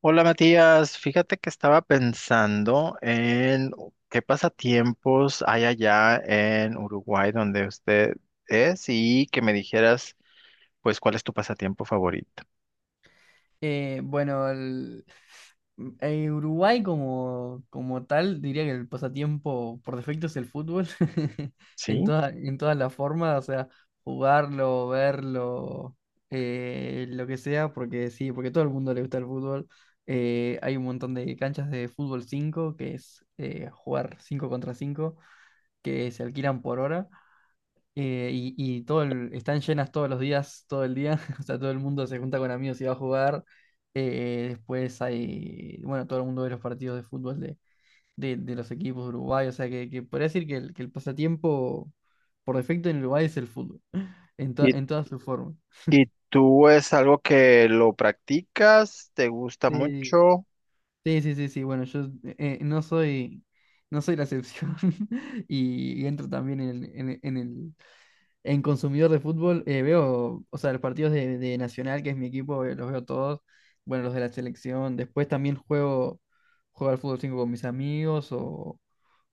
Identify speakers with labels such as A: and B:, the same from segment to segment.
A: Hola Matías, fíjate que estaba pensando en qué pasatiempos hay allá en Uruguay donde usted es y que me dijeras pues cuál es tu pasatiempo favorito,
B: Bueno, en Uruguay como tal, diría que el pasatiempo por defecto es el fútbol, en
A: ¿sí?
B: en todas las formas, o sea, jugarlo, verlo, lo que sea, porque sí, porque a todo el mundo le gusta el fútbol. Hay un montón de canchas de fútbol 5 que es jugar 5 contra 5 que se alquilan por hora. Y están llenas todos los días, todo el día. O sea, todo el mundo se junta con amigos y va a jugar. Después hay, bueno, todo el mundo ve los partidos de fútbol de los equipos de Uruguay. O sea, que podría decir que que el pasatiempo por defecto en Uruguay es el fútbol,
A: ¿Y,
B: en todas sus formas.
A: y tú es algo que lo practicas? ¿Te gusta
B: Sí,
A: mucho?
B: sí, sí, sí, sí, bueno, yo no soy la excepción, y entro también en en consumidor de fútbol. Veo, o sea, los partidos de Nacional, que es mi equipo, los veo todos. Bueno, los de la selección. Después también juego al fútbol 5 con mis amigos. O,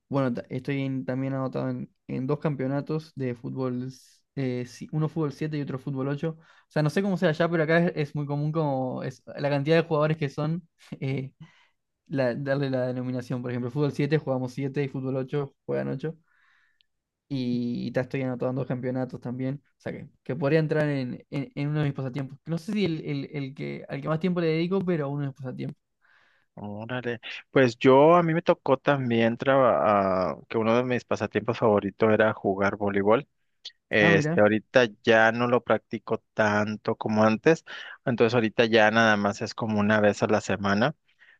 B: bueno, estoy también anotado en dos campeonatos de fútbol, uno fútbol 7 y otro fútbol ocho. O sea, no sé cómo sea allá, pero acá es muy común como es, la cantidad de jugadores que son, eh, darle la denominación. Por ejemplo, fútbol 7 jugamos 7 y fútbol 8 juegan ocho, y ya estoy anotando campeonatos también. O sea que podría entrar en uno de mis pasatiempos. No sé si el que, al que más tiempo le dedico, pero uno de mis pasatiempos.
A: Órale, pues yo a mí me tocó también que uno de mis pasatiempos favoritos era jugar voleibol.
B: Ah,
A: Este,
B: mira,
A: ahorita ya no lo practico tanto como antes, entonces ahorita ya nada más es como una vez a la semana,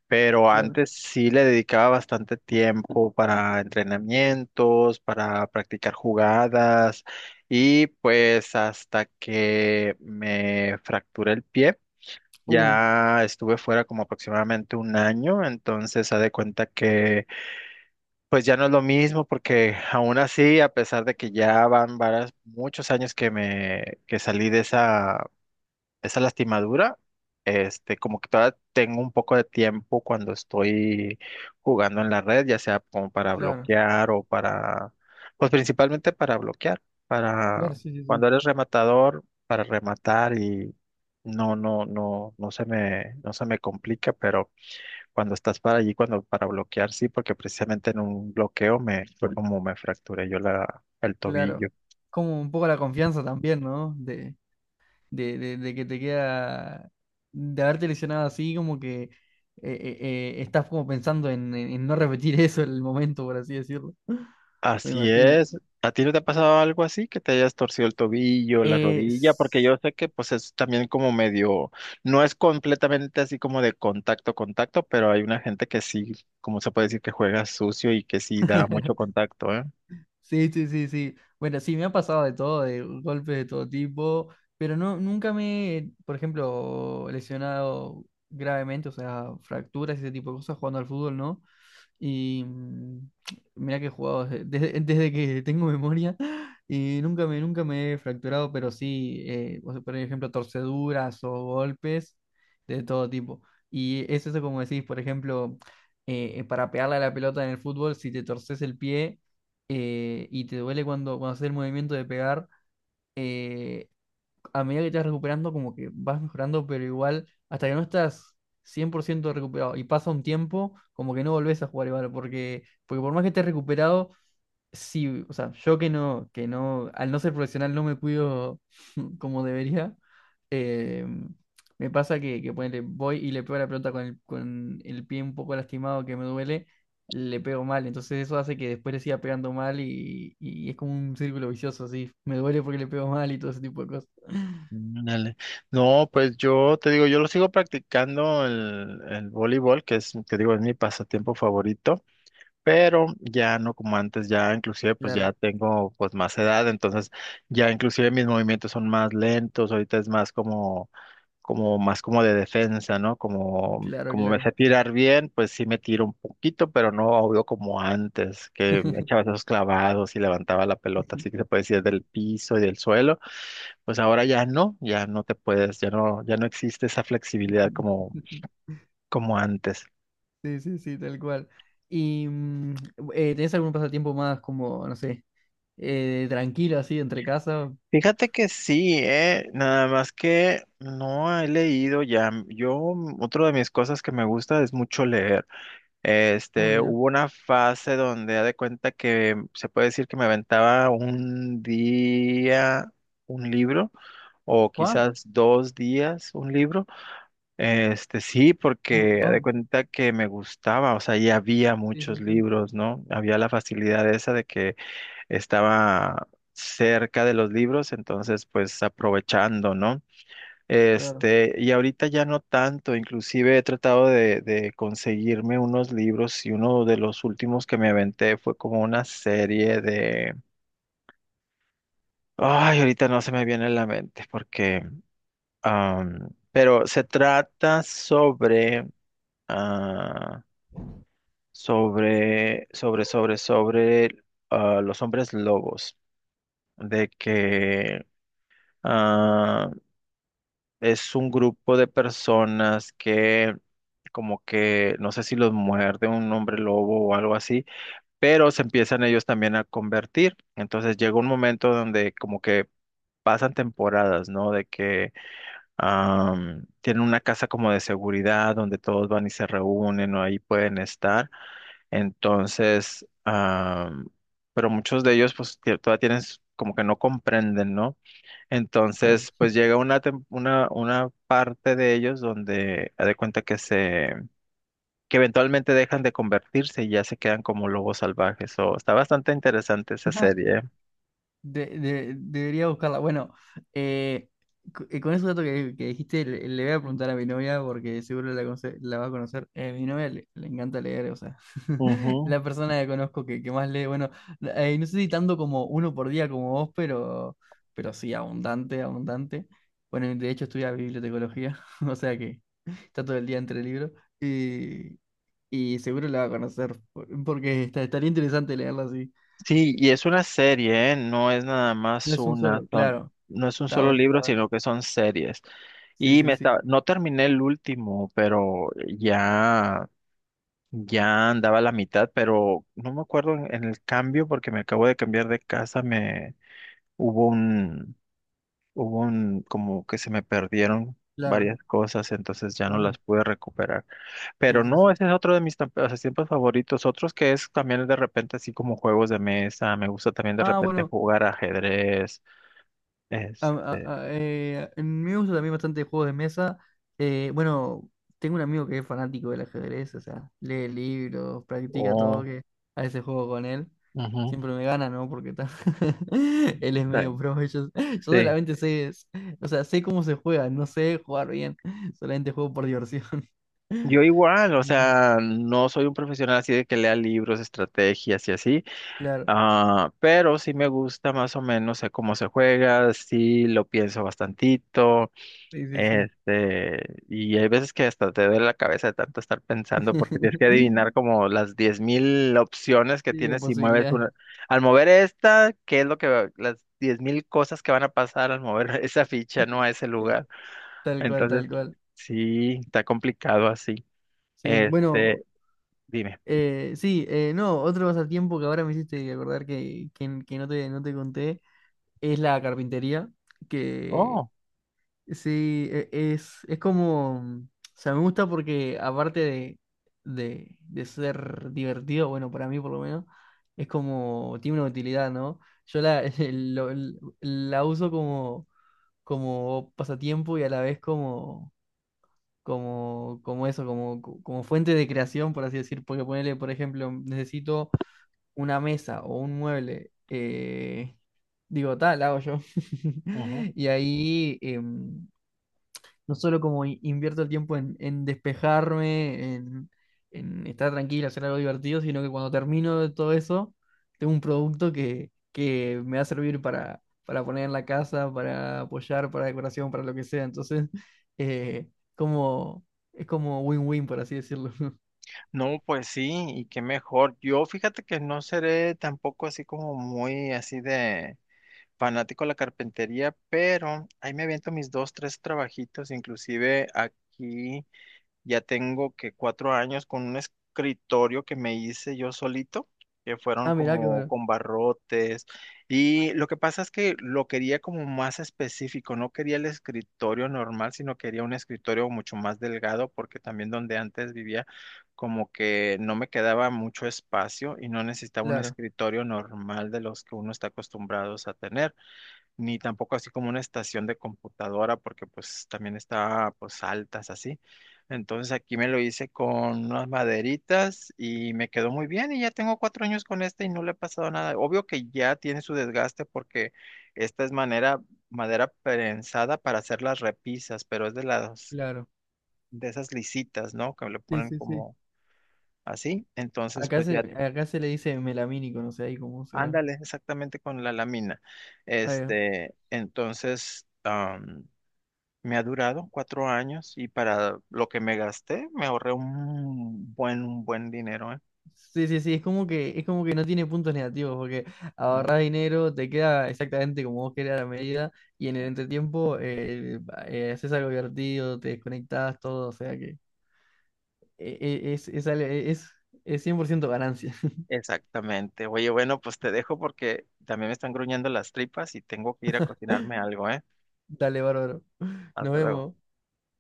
A: pero
B: claro.
A: antes sí le dedicaba bastante tiempo para entrenamientos, para practicar jugadas y pues hasta que me fracturé el pie,
B: Uh,
A: ya estuve fuera como aproximadamente un año, entonces haz de cuenta que pues ya no es lo mismo porque aún así, a pesar de que ya van varios, muchos años que me que salí de esa lastimadura, este, como que todavía tengo un poco de tiempo cuando estoy jugando en la red, ya sea como para
B: claro,
A: bloquear o para, pues principalmente para bloquear, para
B: claro, sí, sí, sí.
A: cuando eres rematador, para rematar y no, no, no, no se me complica, pero cuando estás para allí, cuando para bloquear, sí, porque precisamente en un bloqueo me fue como me fracturé yo la, el tobillo.
B: Claro. Como un poco la confianza también, ¿no? De que te queda, de haberte lesionado así, como que eh, estás como pensando en, en no repetir eso en el momento, por así decirlo. Me
A: Así
B: imagino.
A: es. ¿A ti no te ha pasado algo así que te hayas torcido el tobillo, la
B: Eh,
A: rodilla? Porque
B: s-
A: yo sé que pues es también como medio, no es completamente así como de contacto, contacto, pero hay una gente que sí, como se puede decir, que juega sucio y que sí da mucho contacto, ¿eh?
B: Sí, sí, sí, sí. Bueno, sí, me ha pasado de todo, de golpes de todo tipo, pero no, nunca me he, por ejemplo, lesionado gravemente, o sea, fracturas y ese tipo de cosas jugando al fútbol, ¿no? Y mm, mirá que he jugado desde que tengo memoria y nunca me he fracturado, pero sí, o sea, por ejemplo, torceduras o golpes de todo tipo. Y es eso como decís, por ejemplo, para pegarle a la pelota en el fútbol, si te torces el pie y te duele cuando haces el movimiento de pegar, a medida que te vas recuperando, como que vas mejorando, pero igual, hasta que no estás 100% recuperado y pasa un tiempo, como que no volvés a jugar igual, porque, porque por más que estés recuperado, sí, o sea, yo que no, al no ser profesional no me cuido como debería, eh, me pasa que ponele, voy y le pego la pelota con con el pie un poco lastimado que me duele. Le pego mal, entonces eso hace que después le siga pegando mal y es como un círculo vicioso, así. Me duele porque le pego mal y todo ese tipo de cosas.
A: Mm, dale. No, pues yo te digo, yo lo sigo practicando el voleibol, que es, te digo, es mi pasatiempo favorito, pero ya no como antes, ya inclusive pues
B: Claro,
A: ya tengo pues más edad, entonces ya inclusive mis movimientos son más lentos, ahorita es más como, como más como de defensa, ¿no? Como,
B: claro,
A: como me
B: claro.
A: sé tirar bien, pues sí me tiro un poquito, pero no obvio como antes, que me echaba esos clavados y levantaba la pelota, así que se puede decir del piso y del suelo, pues ahora ya no, ya no te puedes, ya no, ya no existe esa flexibilidad como, como antes.
B: Sí, sí, sí, tal cual. ¿Y mm, tenés algún pasatiempo más como, no sé, tranquilo así entre casa?
A: Fíjate que sí, nada más que no he leído ya. Yo, otra de mis cosas que me gusta es mucho leer.
B: Ah,
A: Este,
B: mira.
A: hubo una fase donde, haz de cuenta que se puede decir que me aventaba un día un libro, o
B: ¿Cuá?
A: quizás 2 días un libro. Este, sí,
B: Un
A: porque haz
B: montón.
A: de cuenta que me gustaba, o sea, ya había
B: Sí, sí,
A: muchos
B: sí.
A: libros, ¿no? Había la facilidad esa de que estaba cerca de los libros, entonces pues aprovechando, ¿no?
B: Claro,
A: Este, y ahorita ya no tanto, inclusive he tratado de conseguirme unos libros y uno de los últimos que me aventé fue como una serie de... Ay, ahorita no se me viene a la mente porque... pero se trata sobre... ah, sobre, sobre, sobre, sobre los hombres lobos, de que ah, es un grupo de personas que como que no sé si los muerde un hombre lobo o algo así, pero se empiezan ellos también a convertir. Entonces llega un momento donde como que pasan temporadas, ¿no? De que tienen una casa como de seguridad donde todos van y se reúnen o ahí pueden estar. Entonces, pero muchos de ellos pues todavía tienen como que no comprenden, ¿no?
B: claro.
A: Entonces, pues llega una parte de ellos donde haz de cuenta que que eventualmente dejan de convertirse y ya se quedan como lobos salvajes. O está bastante interesante esa serie.
B: Debería buscarla. Bueno, eh, con ese dato que dijiste, le voy a preguntar a mi novia porque la va a conocer. Mi le encanta leer, o sea,
A: Ujú.
B: la persona que conozco que más lee. Bueno, no sé si tanto como uno por día como vos, pero sí, abundante, abundante. Bueno, de hecho estudia bibliotecología, o sea que está todo el día entre libros y, y seguro la va a conocer porque está, estaría interesante leerla así.
A: Sí, y es una serie, ¿eh? No es nada
B: No
A: más
B: es un
A: una,
B: solo,
A: son,
B: claro,
A: no es un
B: está
A: solo
B: bueno, está
A: libro,
B: bueno.
A: sino que son series.
B: Sí,
A: Y
B: sí,
A: me
B: sí,
A: estaba, no terminé el último, pero ya. Ya andaba a la mitad, pero no me acuerdo en el cambio porque me acabo de cambiar de casa, me hubo un, hubo un, como que se me perdieron
B: claro.
A: varias cosas, entonces ya no las
B: Uy,
A: pude recuperar.
B: sí,
A: Pero
B: sí,
A: no,
B: sí.
A: ese es otro de mis pasatiempos favoritos, otros que es también de repente así como juegos de mesa, me gusta también de
B: Ah,
A: repente
B: bueno,
A: jugar ajedrez, este,
B: en mí me gusta también bastante juegos de mesa. Bueno, tengo un amigo que es fanático del ajedrez, o sea, lee libros, practica todo,
A: o...
B: que a veces juego con él.
A: ujú,
B: Siempre me gana, ¿no? Porque él es
A: ta-
B: medio pro. Yo
A: sí.
B: solamente o sea, sé cómo se juega, no sé jugar bien. Solamente juego por diversión.
A: Yo igual, o
B: Sí,
A: sea, no soy un profesional así de que lea libros, estrategias y así,
B: claro,
A: ah, pero sí me gusta más o menos, sé cómo se juega, sí lo pienso bastantito,
B: sí, sí, sí.
A: este, y hay veces que hasta te duele la cabeza de tanto estar pensando porque tienes que adivinar como las 10,000 opciones que
B: Sí, la
A: tienes y mueves una.
B: posibilidad,
A: Al mover esta, ¿qué es lo que va- las 10,000 cosas que van a pasar al mover esa ficha, no a ese lugar?
B: tal cual,
A: Entonces,
B: tal cual.
A: sí, está complicado así.
B: Sí, bueno,
A: Este, dime.
B: sí, no, otro pasatiempo que ahora me hiciste acordar que no te, no te conté es la carpintería, que
A: Oh.
B: sí, es como, o sea, me gusta porque aparte de ser divertido, bueno, para mí por lo menos, es como, tiene una utilidad, ¿no? Yo lo- la uso como, como pasatiempo y a la vez como, como, como eso, como fuente de creación, por así decir, porque ponerle, por ejemplo, necesito una mesa o un mueble, digo, tal, hago yo. Y ahí, em, no solo como invierto el tiempo en despejarme, en estar tranquilo, hacer algo divertido, sino que cuando termino de todo eso, tengo un producto que me va a servir para poner en la casa, para apoyar, para decoración, para lo que sea. Entonces, eh, como, es como win-win, por así decirlo.
A: No, pues sí, y qué mejor. Yo fíjate que no seré tampoco así como muy así de fanático de la carpintería, pero ahí me aviento mis dos, tres trabajitos, inclusive aquí. Ya tengo que 4 años con un escritorio que me hice yo solito, que fueron
B: Ah, mirá que
A: como
B: bueno.
A: con barrotes. Y lo que pasa es que lo quería como más específico, no quería el escritorio normal, sino quería un escritorio mucho más delgado, porque también donde antes vivía, como que no me quedaba mucho espacio y no necesitaba un
B: Claro,
A: escritorio normal de los que uno está acostumbrados a tener ni tampoco así como una estación de computadora, porque pues también está pues altas así. Entonces aquí me lo hice con unas maderitas y me quedó muy bien y ya tengo 4 años con esta y no le ha pasado nada. Obvio que ya tiene su desgaste porque esta es manera, madera prensada para hacer las repisas, pero es de las,
B: claro.
A: de esas lisitas, ¿no? Que le
B: Sí,
A: ponen
B: sí, sí.
A: como así. Entonces pues ya,
B: Acá se le dice melamínico, no sé ahí cómo será.
A: ándale exactamente con la lámina. Este, entonces... Me ha durado 4 años y para lo que me gasté me ahorré un buen dinero, ¿eh?
B: Sí, sí, sí, es como que no tiene puntos negativos, porque
A: ¿No?
B: ahorrar dinero, te queda exactamente como vos querés a la medida, y en el entretiempo haces algo divertido, te desconectás, todo, o sea que eh, eh, es, es, ale- es, es 100% ganancia.
A: Exactamente. Oye, bueno, pues te dejo porque también me están gruñendo las tripas y tengo que ir a cocinarme algo, ¿eh?
B: Dale, bárbaro. Nos
A: Hasta luego.
B: vemos.